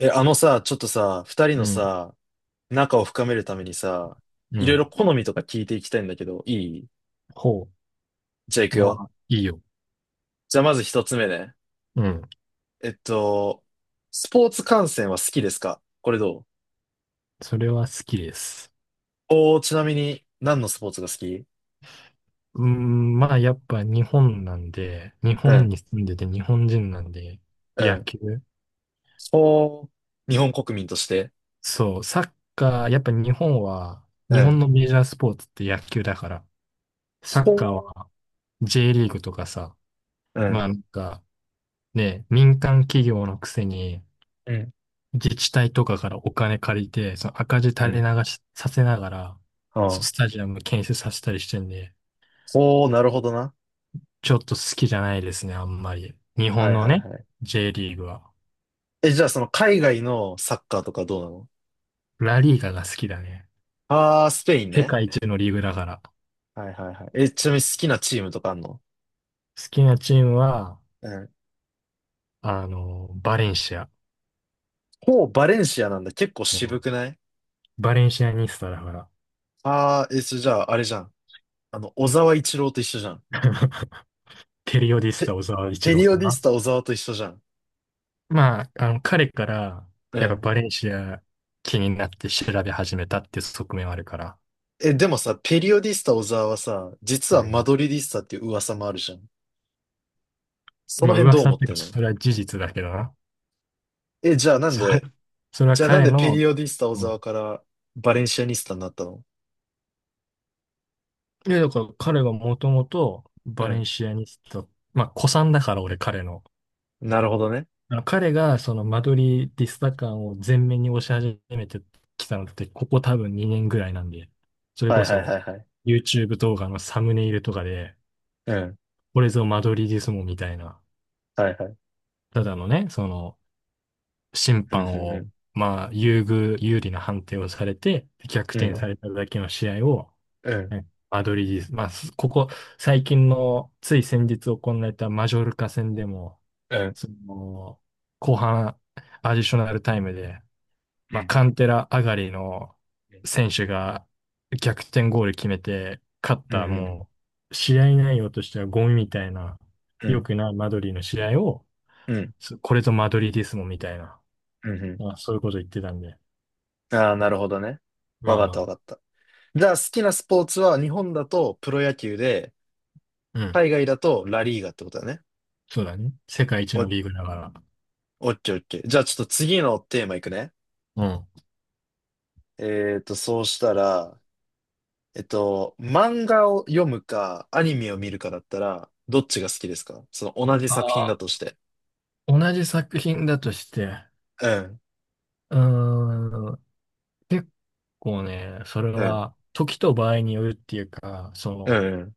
え、あのさ、ちょっとさ、二人うのん、さ、仲を深めるためにさ、ういろいん。ろ好みとか聞いていきたいんだけど、いほじゃあ行う。くまよ。あ、いいよ。じゃあまず一つ目ね。うん。えっと、スポーツ観戦は好きですか？これどう？それは好きです。おー、ちなみに何のスポーツが好き？うん、まあ、やっぱ日本なんで、日う本ん、に住んでて日本人なんで、う野ん。球。ほー、日本国民として。そう、サッカー、やっぱ日本は、う日本ん。のメジャースポーツって野球だから、サほッカーは J リーグとかさ、ー、うまん、あなんかね、民間企業のくせに、うん、自治体とかからお金借りて、その赤字う垂れん。流しさせながら、はスあ。タジアム建設させたりしてんで、ほー、なるほどな。ちょっと好きじゃないですね、あんまり。日は本いのはいね、はい。J リーグは。え、じゃあその海外のサッカーとかどうなの？ラリーガが好きだね。あー、スペイン世ね。界一のリーグだから。好はいはいはい。え、ちなみに好きなチームとかあんの？きなチームは、うん。バレンシア。ほう、バレンシアなんだ。結構も渋くない？うバレンシアニスタだから。ああー、え、それじゃあ、あれじゃん。小沢一郎と一緒じゃん。ペリオディスペ、タ小沢一ペ郎リオさん。ディスタ小沢と一緒じゃん。まあ、彼から、うやっぱん。バレンシア気になって調べ始めたっていう側面はあるから。え、でもさ、ペリオディスタ小沢はさ、実うはマん。ドリディスタっていう噂もあるじゃん。そのまあ、辺どう噂思っっていうてか、んの？それは事実だけどな。え、じゃあなんそれ、で、それはじゃあなん彼でペの、リオディスタ小う沢ん。からバレンシアニスタになったの？いや、だから彼がもともとうバレンん。シアニスタ、まあ、古参だから俺彼の。なるほどね。あの彼がそのマドリーディスタ感を前面に押し始めてきたのって、ここ多分2年ぐらいなんで、それはこいはいはそ いはい。YouTube 動画のサムネイルとかで、うん。これぞマドリーディスモみたいな、はいはい。ただのね、その審うん、判うん、うを、ん。まあ、優遇、有利な判定をされて、逆う転ん、されただけの試合を、うん、はいマドリーです。まあ、すここ、最近の、つい先日行われたマジョルカ戦でも、うん。その、後半、アディショナルタイムで、うまあ、んカンテラ上がりの選手が逆転ゴール決めて、勝っうんた、うんもう、試合内容としてはゴミみたいな、う良んくないマドリーの試合を、うんすこれぞマドリーディスモみたいな、うんうん。まあ、そういうこと言ってたんで、ああなるほどね。わまあかっまたあ、わかった。じゃあ好きなスポーツは日本だとプロ野球で、うん、海外だとラリーガってことだね。そうだね。世界一お、オのッリーグだから。ケーオッケー。じゃあちょっと次のテーマいくね。うん。そうしたら、漫画を読むか、アニメを見るかだったら、どっちが好きですか？その同じ作品あ、だとして。同じ作品だとして、うん、うーん、結構ね、それうん、は時と場合によるっていうか、そうの、ん、うん。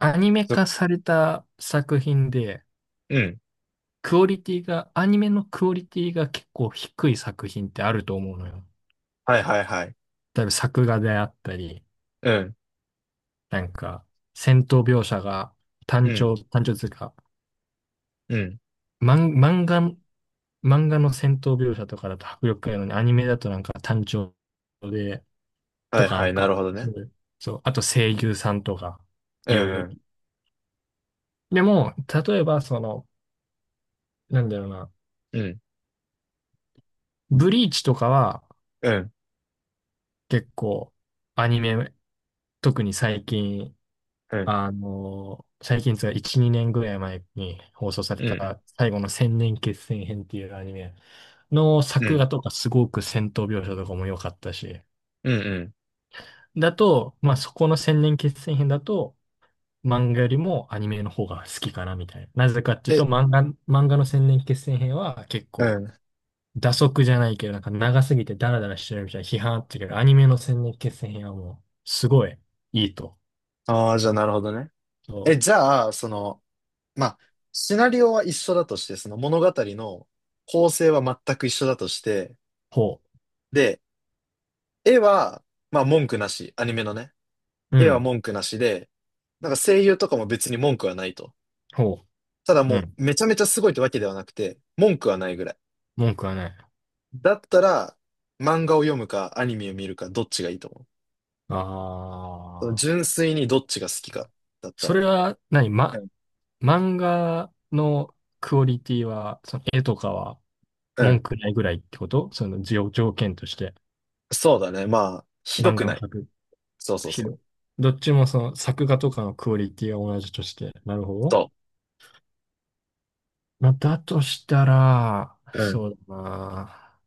アニメそ化された作品で、うん。クオリティが、アニメのクオリティが結構低い作品ってあると思うのよ。はいはいはい。例えば作画であったり、うん、なんか、戦闘描写がうん、単調というか、うん。漫漫画、漫画の戦闘描写とかだと迫力があるのに、アニメだとなんか単調で、はといかはなんい、なるか、ほどそね。ういうそう、あと声優さんとか、ういん、ろいうろ。ん、でも、例えばその、なんだろうな、うん、ブリーチとかはうん、結構アニメ、特に最近、うん。最近つうか1、2年ぐらい前に放送されうんた最後の千年決戦編っていうアニメのう作ん。画とかすごく戦闘描写とかも良かったし、うんうん。だと、まあそこの千年決戦編だと、漫画よりもアニメの方が好きかなみたいな。なぜかっていうえ、と、漫画の千年決戦編は結う構、ん。蛇足じゃないけど、なんか長すぎてダラダラしてるみたいな批判あったけど、アニメの千年決戦編はもう、すごいいいと。ああ、じゃあなるほどね。そえ、じう。ゃあ、その、まあ、シナリオは一緒だとして、その物語の構成は全く一緒だとして、ほで、絵は、まあ文句なし、アニメのね、う。う絵はん。文句なしで、なんか声優とかも別に文句はないと。ほただう。うもん。うめちゃめちゃすごいってわけではなくて、文句はないぐらい。文句はない。だったら、漫画を読むかアニメを見るかどっちがいいと思う？あそのあ。純粋にどっちが好きかだったそら。れは何、うま、ん。漫画のクオリティは、その絵とかはう文ん句ないぐらいってことその条件として、そうだね。まあ、ひど漫く画のない。作そうそうひそう。ど、どっちもその作画とかのクオリティは同じとして。なるほど。そまあ、だとしたら、う。うん。そうだな。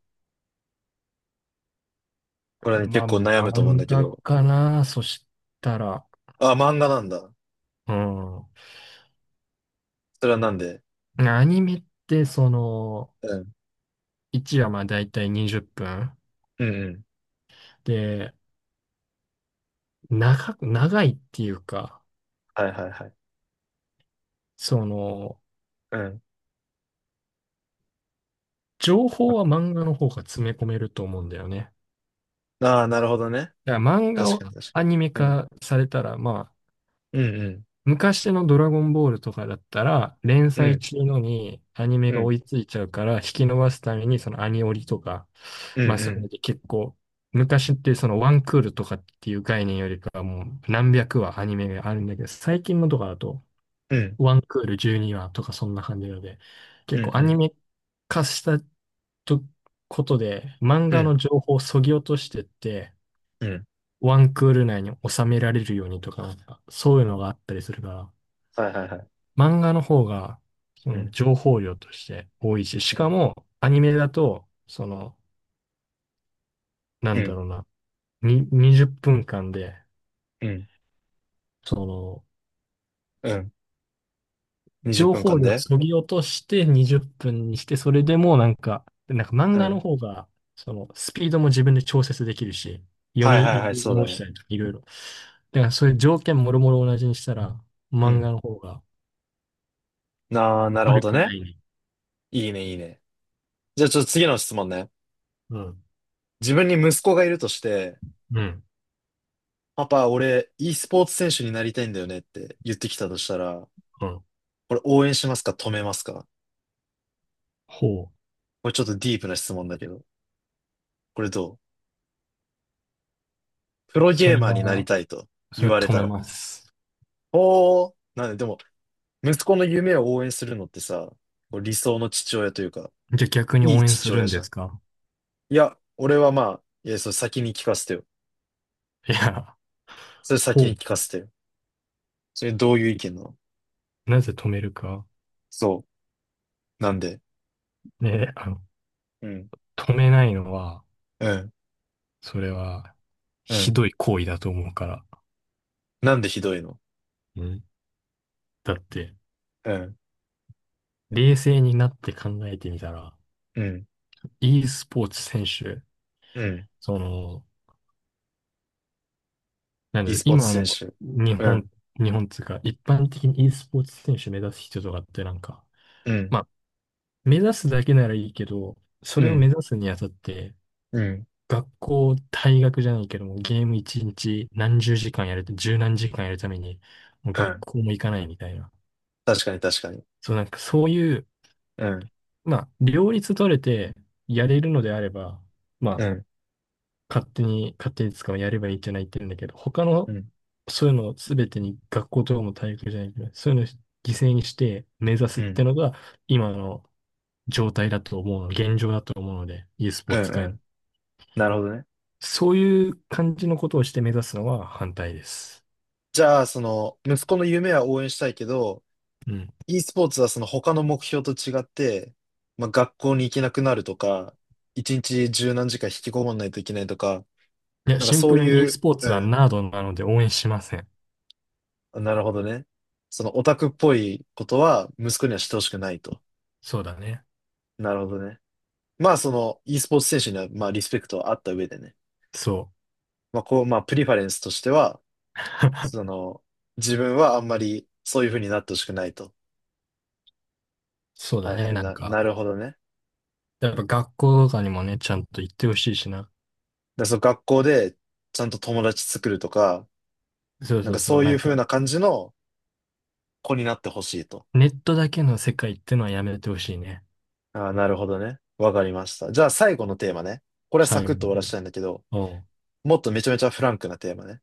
これね、ま結あ、構悩むと思うん漫だけ画ど。かな。そしたら、あ、漫画なんだ。うん。それはなんで？アニメって、その、うん。1話まあ大体20分。うんうん。で、長いっていうか、はいはいはい。その、うん。情報は漫画の方が詰め込めると思うんだよね。ああ、なるほどね。だから漫画確をかに確アニメかに。うん。化されたら、ま、うんうん。昔のドラゴンボールとかだったら、連う載ん。中のにアニメが追いうついちゃうから、引き伸ばすために、そのアニオリとか、んうまあそういうのん。で結構、昔ってそのワンクールとかっていう概念よりかはもう何百話アニメがあるんだけど、最近のとかだと、うん。ワンクール12話とかそんな感じなので、結うん構アうニん。メ化したとことで、漫う画のん。情報を削ぎ落としてって、うん。ワンクール内に収められるようにとか、なんかそういうのがあったりするから、はいはいはい。漫画の方が、そうのん。情報量として多いし、しうかん。もアニメだと、その、なうんだん。ろうな、に、20分間で、その、うん。20情分報間量でそぎ落として20分にして、それでもなんか、なんか漫う画のん。方が、その、スピードも自分で調節できるし、はいはい読はい、みそうだ直しね。たりとかいろいろ。だからそういう条件もろもろ同じにしたら、う漫ん。画の方がああ、なるほ悪どくなね。いね。いいねいいね。じゃあちょっと次の質問ね。うん。自分に息子がいるとして、うん。パパ、俺、e スポーツ選手になりたいんだよねって言ってきたとしたら、うん。これ応援しますか？止めますか？ほこれちょっとディープな質問だけど、これどう？プロう。そゲーれマーになりは、たいとそ言れはわれ止ためら。ます。おー、なんで、でも、息子の夢を応援するのってさ、こう理想の父親というか、じゃあ逆にい応い援父する親んじでゃん。すいか？や、俺はまあ、いや、それ先に聞かせてよ。いや、それ先ほう。に聞かせてよ。それどういう意見なの？なぜ止めるか。そう。なんで？ね、うん。止めないのは、うん。それは、うひん。どい行為だと思うから。なんでひどいの？うん。だって、うん。冷静になって考えてみたら、うん。e スポーツ選手、うん。その、なんだ e ろう、スポーツ今の選手。日うん、本、日本っていうか、一般的に e スポーツ選手目指す人とかってなんか、うん、まあ、目指すだけならいいけど、そうれを目ん、指すにあたって、うん、学校、退学じゃないけども、ゲーム一日何十時間やると、十何時間やるために、もうう学ん。校も行かないみたいな。確かに確かに。そう、なんかそういう、うん、まあ、両立取れてやれるのであれば、まうあ、ん、勝手に使うやればいいんじゃないって言うんだけど、他うの、ん、そういうのを全てに学校とかも体育じゃないけど、そういうのを犠牲にして目指すうってん、のが、今の状態だと思うの、現状だと思うので、e スポうーん、ツう界の。ん。なるほどね。そういう感じのことをして目指すのは反対です。じゃあ、その、息子の夢は応援したいけど、うん。e スポーツはその他の目標と違って、まあ、学校に行けなくなるとか、一日十何時間引きこもんないといけないとか、いや、なんかシンそプうルに e いスう、ポーうツはん、ナードなので応援しません。なるほどね。そのオタクっぽいことは息子にはしてほしくないと。そうだね。なるほどね。まあ、その e スポーツ選手には、まあ、リスペクトはあった上でね。そう。まあ、こう、まあ、プリファレンスとしては、その、自分はあんまりそういう風になってほしくないと。そうはだいはね、い、なんか。なるほどね。やっぱ学校とかにもね、ちゃんと行ってほしいしな。で、その学校でちゃんと友達作るとか、そうなんそかうそそう。うないうん風か、な感じの子になってほしいと。ネットだけの世界ってのはやめてほしいね。ああ、なるほどね。わかりました。じゃあ最後のテーマね。これはサ最クッと後終わらせに。たいんだけど、おう、もっとめちゃめちゃフランクなテーマね。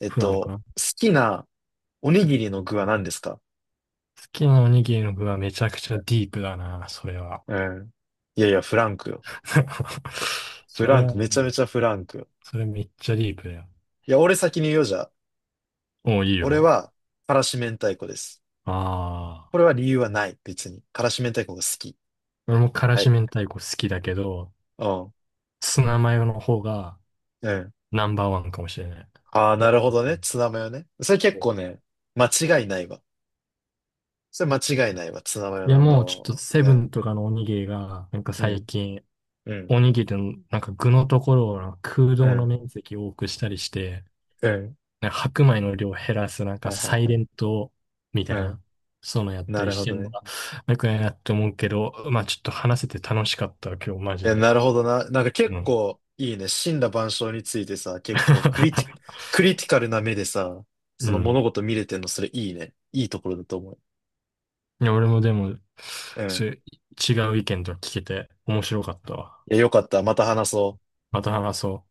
フランクな。好好きなおにぎりの具は何ですか？きなおにぎりの具はめちゃくちゃディープだな、それは。うん。いやいや、フランクよ。フそラれンは、ク、めちゃめちゃフランクよ。それめっちゃディープだよ。いや、俺先に言おうじゃん。おう、いい俺よ。は、からし明太子です。ああ。これは理由はない、別に。からし明太子が好き。俺も辛は子い。明太子好きだけど、うん。ツナマヨの方がうん。ナンバーワンかもしれない。ああ、いや、なるほどね。ツナマヨね。それ結そう構ね、間違いないわ。それ間違いないわ。ツナマヨいや、ナンバーもうワちょンっは。とセうブん。ンとかのおにぎりが、なんかう最ん。近、うん。おにぎりのなんか具のところをなんか空う洞のん。面積を多くしたりして、うん。なんか白米の量を減らすなんかはいはいサイはレい。ントみたういん。な、そういうのやったなりるしほてどるのね。が、よくないなって思うけど、まあちょっと話せて楽しかったわ今日マジえ、で。なるほどな。なんかう結ん。構いいね。森羅万象についてさ、結構クリティカルな目でさ、うその物ん。事見れてんの、それいいね。いいところだと思う。いや、俺もでも、うそん。ういう違う意見とか聞けて面白かったわ。いや、よかった。また話そう。また話そう。